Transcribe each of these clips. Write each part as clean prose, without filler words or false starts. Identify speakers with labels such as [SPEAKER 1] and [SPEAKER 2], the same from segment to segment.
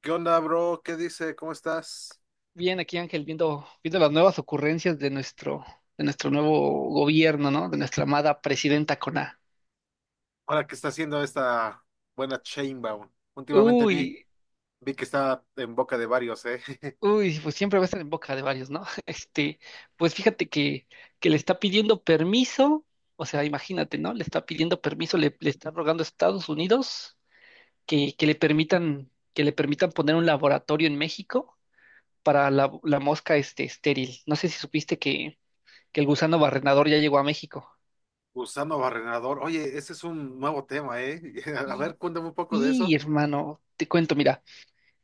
[SPEAKER 1] ¿Qué onda, bro? ¿Qué dice? ¿Cómo estás?
[SPEAKER 2] Bien, aquí Ángel, viendo las nuevas ocurrencias de nuestro nuevo gobierno, ¿no? De nuestra amada presidenta con A.
[SPEAKER 1] Ahora que está haciendo esta buena Chainbound. Últimamente vi,
[SPEAKER 2] Uy,
[SPEAKER 1] vi que está en boca de varios, ¿eh?
[SPEAKER 2] uy, pues siempre va a estar en boca de varios, ¿no? Pues fíjate que le está pidiendo permiso, o sea, imagínate, ¿no? Le está pidiendo permiso, le está rogando a Estados Unidos que le permitan poner un laboratorio en México para la mosca estéril. No sé si supiste que el gusano barrenador ya llegó a México.
[SPEAKER 1] Usando barrenador. Oye, ese es un nuevo tema, ¿eh? A ver, cuéntame un poco de
[SPEAKER 2] Y
[SPEAKER 1] eso.
[SPEAKER 2] hermano, te cuento, mira,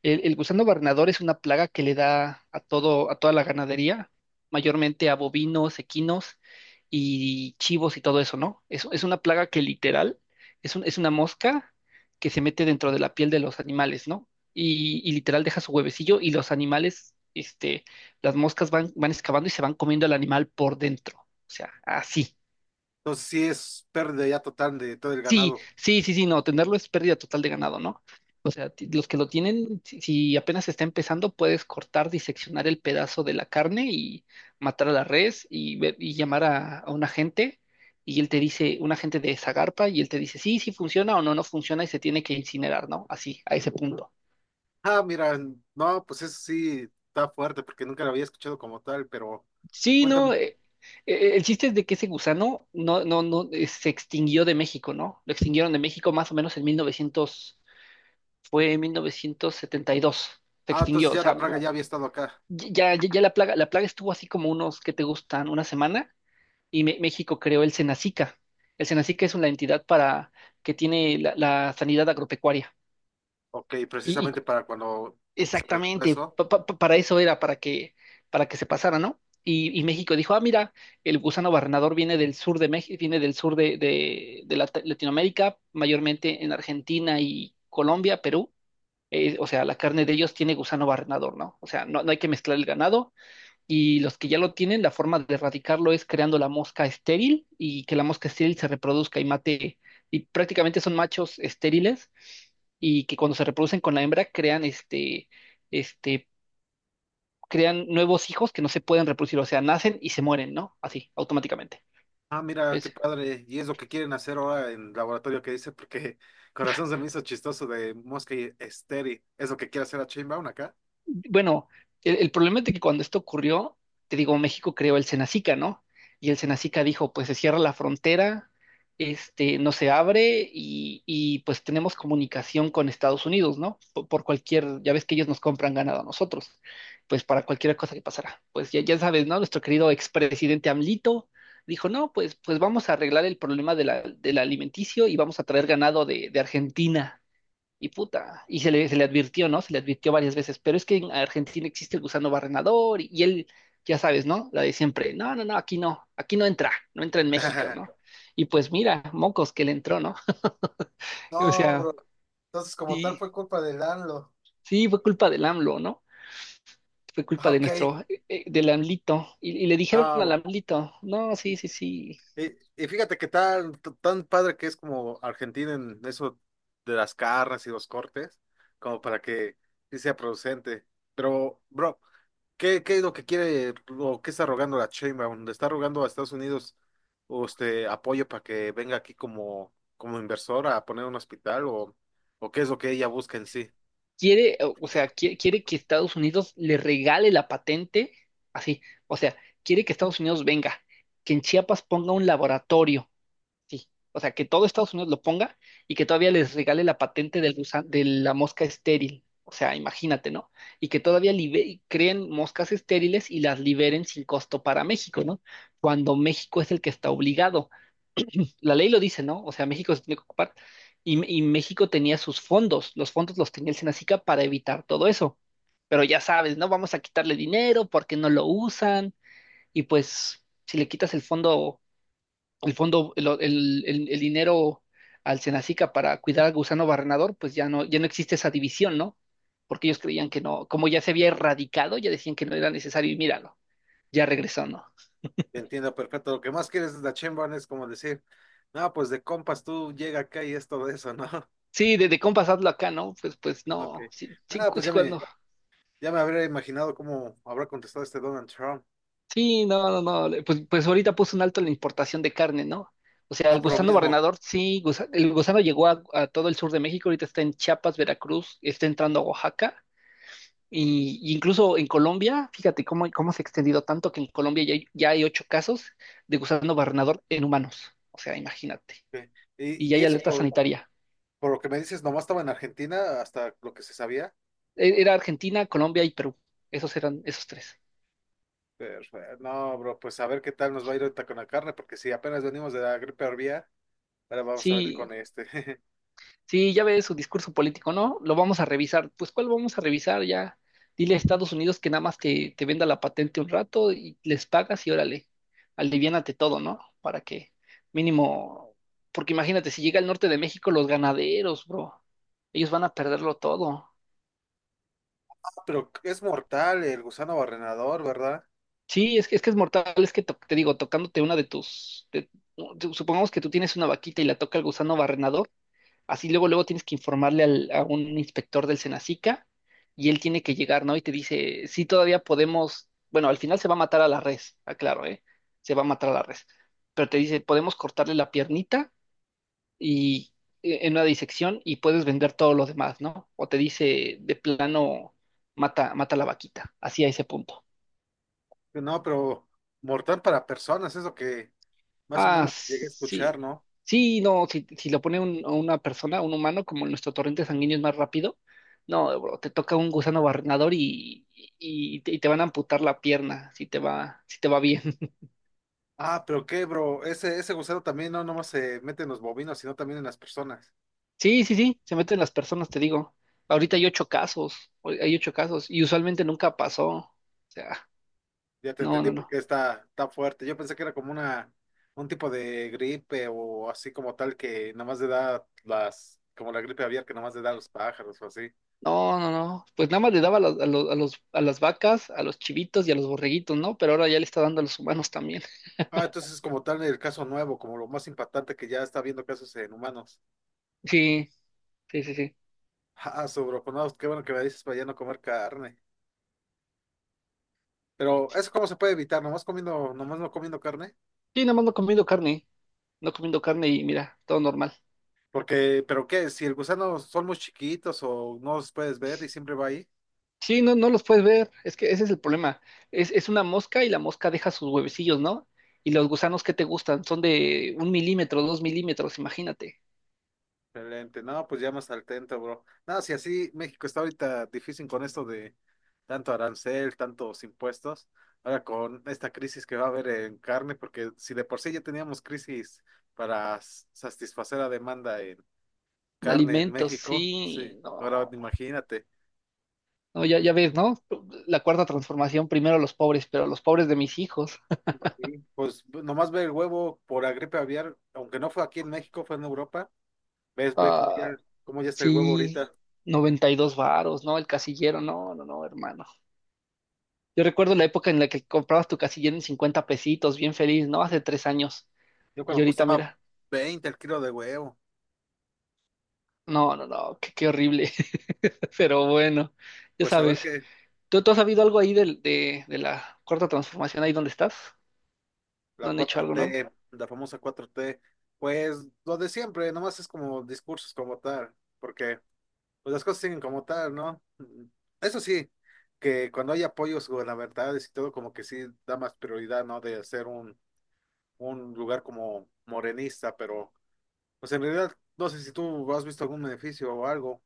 [SPEAKER 2] el gusano barrenador es una plaga que le da a todo, a toda la ganadería, mayormente a bovinos, equinos y chivos y todo eso, ¿no? Es una plaga que literal es una mosca que se mete dentro de la piel de los animales, ¿no? Y literal deja su huevecillo y los animales, las moscas van excavando y se van comiendo al animal por dentro. O sea, así.
[SPEAKER 1] Entonces, sí es pérdida ya total de todo el
[SPEAKER 2] Sí,
[SPEAKER 1] ganado.
[SPEAKER 2] sí, sí, sí, no, tenerlo es pérdida total de ganado, ¿no? O sea, los que lo tienen, si apenas está empezando, puedes cortar, diseccionar el pedazo de la carne y matar a la res y, y llamar a un agente y él te dice, un agente de Zagarpa y él te dice, sí, sí funciona o no, no funciona y se tiene que incinerar, ¿no? Así, a ese punto.
[SPEAKER 1] Ah, mira, no, pues eso sí está fuerte porque nunca lo había escuchado como tal, pero
[SPEAKER 2] Sí, no,
[SPEAKER 1] cuéntame.
[SPEAKER 2] el chiste es de que ese gusano no, no, no, se extinguió de México, ¿no? Lo extinguieron de México más o menos en 1900 fue en 1972, se
[SPEAKER 1] Ah, entonces
[SPEAKER 2] extinguió, o
[SPEAKER 1] ya
[SPEAKER 2] sea,
[SPEAKER 1] la plaga ya había estado acá.
[SPEAKER 2] ya, ya, ya la plaga estuvo así como unos que te gustan, una semana, y México creó el Senacica. El Senacica es una entidad para que tiene la sanidad agropecuaria.
[SPEAKER 1] Ok,
[SPEAKER 2] Y
[SPEAKER 1] precisamente para cuando se presentó
[SPEAKER 2] exactamente,
[SPEAKER 1] eso.
[SPEAKER 2] para eso era, para que se pasara, ¿no? Y México dijo, ah, mira, el gusano barrenador viene del sur de México, viene del sur de Latinoamérica, mayormente en Argentina y Colombia, Perú, o sea, la carne de ellos tiene gusano barrenador, ¿no? O sea, no, no hay que mezclar el ganado y los que ya lo tienen, la forma de erradicarlo es creando la mosca estéril y que la mosca estéril se reproduzca y mate, y prácticamente son machos estériles y que cuando se reproducen con la hembra crean este, crean nuevos hijos que no se pueden reproducir, o sea, nacen y se mueren, ¿no? Así, automáticamente.
[SPEAKER 1] Ah, mira, qué
[SPEAKER 2] Es,
[SPEAKER 1] padre. Y es lo que quieren hacer ahora en laboratorio que dice, porque corazón se me hizo chistoso de Mosca y Esteri. ¿Es lo que quiere hacer a Chainbound acá?
[SPEAKER 2] bueno, el problema es de que cuando esto ocurrió, te digo, México creó el Cenacica, ¿no? Y el Cenacica dijo, pues se cierra la frontera, no se abre y pues tenemos comunicación con Estados Unidos, ¿no? Por cualquier, ya ves que ellos nos compran ganado a nosotros, pues para cualquier cosa que pasara. Pues ya, ya sabes, ¿no? Nuestro querido expresidente AMLito dijo, no, pues vamos a arreglar el problema del alimenticio y vamos a traer ganado de Argentina. Y puta, y se le advirtió, ¿no? Se le advirtió varias veces, pero es que en Argentina existe el gusano barrenador y él, ya sabes, ¿no? La de siempre, no, no, no, aquí no, aquí no entra, no entra en México, ¿no? Y pues mira, mocos que le entró, ¿no? O
[SPEAKER 1] No,
[SPEAKER 2] sea,
[SPEAKER 1] bro. Entonces, como tal,
[SPEAKER 2] sí,
[SPEAKER 1] fue culpa de Danlo.
[SPEAKER 2] sí, fue culpa del AMLO, ¿no? Fue culpa de
[SPEAKER 1] Ok.
[SPEAKER 2] nuestro, eh, eh, del AMLito. Y le dijeron al
[SPEAKER 1] No,
[SPEAKER 2] AMLito, no, sí, sí, sí,
[SPEAKER 1] y fíjate que tan padre que es como Argentina en eso de las carnes y los cortes, como para que sí sea producente. Pero, bro, ¿qué es lo que quiere o qué está rogando la Sheinbaum? ¿Le está rogando a Estados Unidos o este apoyo para que venga aquí como, como inversora a poner un hospital o qué es lo que ella busca en sí?
[SPEAKER 2] quiere, o sea, quiere que Estados Unidos le regale la patente, así, o sea, quiere que Estados Unidos venga, que en Chiapas ponga un laboratorio, sí, o sea, que todo Estados Unidos lo ponga y que todavía les regale la patente de la mosca estéril, o sea, imagínate, ¿no? Y que todavía creen moscas estériles y las liberen sin costo para México, ¿no? Cuando México es el que está obligado la ley lo dice, ¿no? O sea, México se tiene que ocupar y México tenía sus fondos los tenía el Senacica para evitar todo eso, pero ya sabes, ¿no? Vamos a quitarle dinero porque no lo usan y pues si le quitas el fondo, el fondo, el dinero al Senacica para cuidar al gusano barrenador, pues ya no existe esa división, ¿no? Porque ellos creían que no, como ya se había erradicado, ya decían que no era necesario y míralo, ya regresó, ¿no?
[SPEAKER 1] Entiendo perfecto. Lo que más quieres de la Sheinbaum es como decir, no, pues de compas tú llega acá y es todo eso, ¿no?
[SPEAKER 2] Sí, de compas hazlo acá, ¿no? Pues
[SPEAKER 1] Ok.
[SPEAKER 2] no, sí, sí,
[SPEAKER 1] Nada,
[SPEAKER 2] sí, cuando.
[SPEAKER 1] ya me habría imaginado cómo habrá contestado este Donald Trump.
[SPEAKER 2] Sí, no, no, no. Pues ahorita puso un alto en la importación de carne, ¿no? O sea,
[SPEAKER 1] Ah,
[SPEAKER 2] el
[SPEAKER 1] por lo
[SPEAKER 2] gusano
[SPEAKER 1] mismo.
[SPEAKER 2] barrenador, sí, el gusano llegó a todo el sur de México, ahorita está en Chiapas, Veracruz, está entrando a Oaxaca, y incluso en Colombia, fíjate cómo se ha extendido tanto que en Colombia ya hay ocho casos de gusano barrenador en humanos. O sea, imagínate.
[SPEAKER 1] Ok.
[SPEAKER 2] Y ya
[SPEAKER 1] Y, y
[SPEAKER 2] hay
[SPEAKER 1] eso
[SPEAKER 2] alerta
[SPEAKER 1] por,
[SPEAKER 2] sanitaria.
[SPEAKER 1] por lo que me dices, nomás estaba en Argentina, hasta lo que se sabía.
[SPEAKER 2] Era Argentina, Colombia y Perú. Esos eran esos tres.
[SPEAKER 1] Pero, no, bro, pues a ver qué tal nos va a ir ahorita con la carne, porque si apenas venimos de la gripe aviar, ahora vamos a venir
[SPEAKER 2] Sí,
[SPEAKER 1] con este.
[SPEAKER 2] sí, ya ves su discurso político, ¿no? Lo vamos a revisar. Pues, ¿cuál vamos a revisar? Ya dile a Estados Unidos que nada más te venda la patente un rato y les pagas y órale, aliviánate todo, ¿no? Para que mínimo, porque imagínate, si llega al norte de México, los ganaderos, bro, ellos van a perderlo todo.
[SPEAKER 1] Pero es mortal el gusano barrenador, ¿verdad?
[SPEAKER 2] Sí, es que es mortal, es que te digo, tocándote una de tus, supongamos que tú tienes una vaquita y la toca el gusano barrenador. Así luego, luego tienes que informarle a un inspector del Senacica y él tiene que llegar, ¿no? Y te dice, sí, todavía podemos, bueno, al final se va a matar a la res, aclaro, ¿eh? Se va a matar a la res. Pero te dice, podemos cortarle la piernita y en una disección y puedes vender todo lo demás, ¿no? O te dice, de plano, mata, mata a la vaquita, así a ese punto.
[SPEAKER 1] No, pero mortal para personas, es lo que más o
[SPEAKER 2] Ah,
[SPEAKER 1] menos llegué a escuchar,
[SPEAKER 2] sí.
[SPEAKER 1] ¿no?
[SPEAKER 2] Sí, no, si lo pone a una persona, un humano, como nuestro torrente sanguíneo es más rápido, no, bro, te toca un gusano barrenador y te van a amputar la pierna si te va bien.
[SPEAKER 1] Ah, pero qué, bro, ese gusano también no nomás se mete en los bovinos, sino también en las personas.
[SPEAKER 2] Sí, sí, sí, se meten las personas, te digo. Ahorita hay ocho casos, hoy hay ocho casos, y usualmente nunca pasó. O sea,
[SPEAKER 1] Ya te
[SPEAKER 2] no,
[SPEAKER 1] entendí
[SPEAKER 2] no,
[SPEAKER 1] porque
[SPEAKER 2] no.
[SPEAKER 1] está fuerte. Yo pensé que era como una, un tipo de gripe o así como tal que nada más le da las, como la gripe aviar que nada más le da a los pájaros o así.
[SPEAKER 2] No, no, no. Pues nada más le daba a las vacas, a los chivitos y a los borreguitos, ¿no? Pero ahora ya le está dando a los humanos también.
[SPEAKER 1] Ah, entonces es como tal el caso nuevo, como lo más impactante que ya está habiendo casos en humanos.
[SPEAKER 2] Sí, sí, sí, sí.
[SPEAKER 1] Ah, sobre, pues no, qué bueno que me dices para ya no comer carne. Pero eso cómo se puede evitar, nomás comiendo, nomás no comiendo carne.
[SPEAKER 2] Sí, nada más no comiendo carne, no comiendo carne y mira, todo normal.
[SPEAKER 1] Porque, pero qué, si el gusano son muy chiquitos o no los puedes ver y siempre va ahí.
[SPEAKER 2] Sí, no, no los puedes ver, es que ese es el problema. Es una mosca y la mosca deja sus huevecillos, ¿no? Y los gusanos que te gustan son de 1 mm, 2 mm, imagínate.
[SPEAKER 1] Excelente, no, pues ya más al tanto, bro. No, si así México está ahorita difícil con esto de tanto arancel, tantos impuestos, ahora con esta crisis que va a haber en carne, porque si de por sí ya teníamos crisis para s- satisfacer la demanda en
[SPEAKER 2] En
[SPEAKER 1] carne en
[SPEAKER 2] alimentos,
[SPEAKER 1] México, sí,
[SPEAKER 2] sí,
[SPEAKER 1] ahora
[SPEAKER 2] no.
[SPEAKER 1] imagínate,
[SPEAKER 2] No, ya, ya ves, ¿no? La cuarta transformación, primero los pobres, pero los pobres de mis hijos.
[SPEAKER 1] nomás ve el huevo por la gripe aviar, aunque no fue aquí en México, fue en Europa, ves,
[SPEAKER 2] Ah,
[SPEAKER 1] cómo ya está el huevo
[SPEAKER 2] sí,
[SPEAKER 1] ahorita.
[SPEAKER 2] 92 varos, ¿no? El casillero, no, no, no, hermano. Yo recuerdo la época en la que comprabas tu casillero en 50 pesitos, bien feliz, ¿no? Hace 3 años.
[SPEAKER 1] Yo
[SPEAKER 2] Y
[SPEAKER 1] cuando
[SPEAKER 2] ahorita,
[SPEAKER 1] costaba
[SPEAKER 2] mira,
[SPEAKER 1] 20 el kilo de huevo,
[SPEAKER 2] no, no, no, qué horrible. Pero bueno, ya
[SPEAKER 1] pues a ver
[SPEAKER 2] sabes.
[SPEAKER 1] qué.
[SPEAKER 2] ¿Tú has sabido algo ahí de la cuarta transformación, ahí donde estás? ¿No
[SPEAKER 1] La
[SPEAKER 2] han hecho
[SPEAKER 1] cuatro
[SPEAKER 2] algo nuevo?
[SPEAKER 1] t, la famosa cuatro t, pues lo de siempre, nomás es como discursos como tal, porque pues las cosas siguen como tal, ¿no? Mm, eso sí, que cuando hay apoyos gubernamentales y todo, como que sí da más prioridad, ¿no? De hacer un lugar como morenista, pero pues en realidad no sé si tú has visto algún beneficio o algo,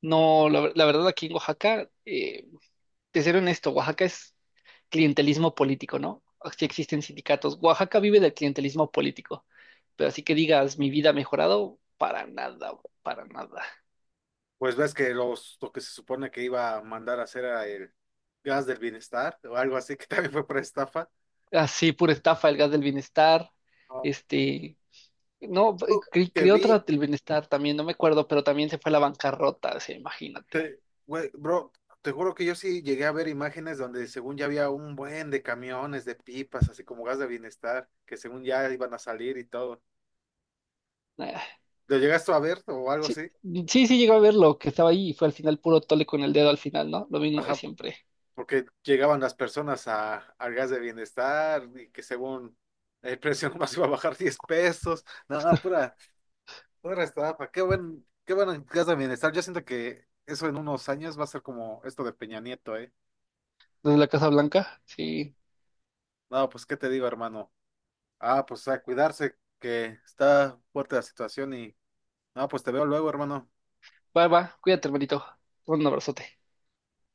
[SPEAKER 2] No, la verdad, aquí en Oaxaca, te seré honesto, Oaxaca es clientelismo político, ¿no? Sí existen sindicatos. Oaxaca vive del clientelismo político, pero así que digas, mi vida ha mejorado, para nada, bro, para nada.
[SPEAKER 1] pues ves que lo que se supone que iba a mandar a hacer era el gas del bienestar o algo así, que también fue para estafa.
[SPEAKER 2] Así, pura estafa, el gas del bienestar,
[SPEAKER 1] Ah,
[SPEAKER 2] este, No,
[SPEAKER 1] que
[SPEAKER 2] creó
[SPEAKER 1] vi
[SPEAKER 2] otro del bienestar también, no me acuerdo, pero también se fue a la bancarrota, o sea, imagínate.
[SPEAKER 1] Te- güey, bro, te juro que yo sí llegué a ver imágenes donde según ya había un buen de camiones, de pipas, así como gas de bienestar, que según ya iban a salir y todo.
[SPEAKER 2] Ah,
[SPEAKER 1] ¿Lo llegaste a ver o algo
[SPEAKER 2] sí,
[SPEAKER 1] así?
[SPEAKER 2] sí, sí llegó a verlo, que estaba ahí y fue al final puro tole con el dedo al final, ¿no? Lo mismo de
[SPEAKER 1] Ajá,
[SPEAKER 2] siempre.
[SPEAKER 1] porque llegaban las personas a, al gas de bienestar y que según el precio nomás iba a bajar 10 pesos. Nada, pura estafa. Qué buen gas de bienestar. Yo siento que eso en unos años va a ser como esto de Peña Nieto, ¿eh?
[SPEAKER 2] Desde la Casa Blanca, sí.
[SPEAKER 1] No, pues, ¿qué te digo, hermano? Ah, pues a cuidarse, que está fuerte la situación y... Ah, pues te veo luego, hermano.
[SPEAKER 2] Va, va, cuídate, hermanito. Un abrazote.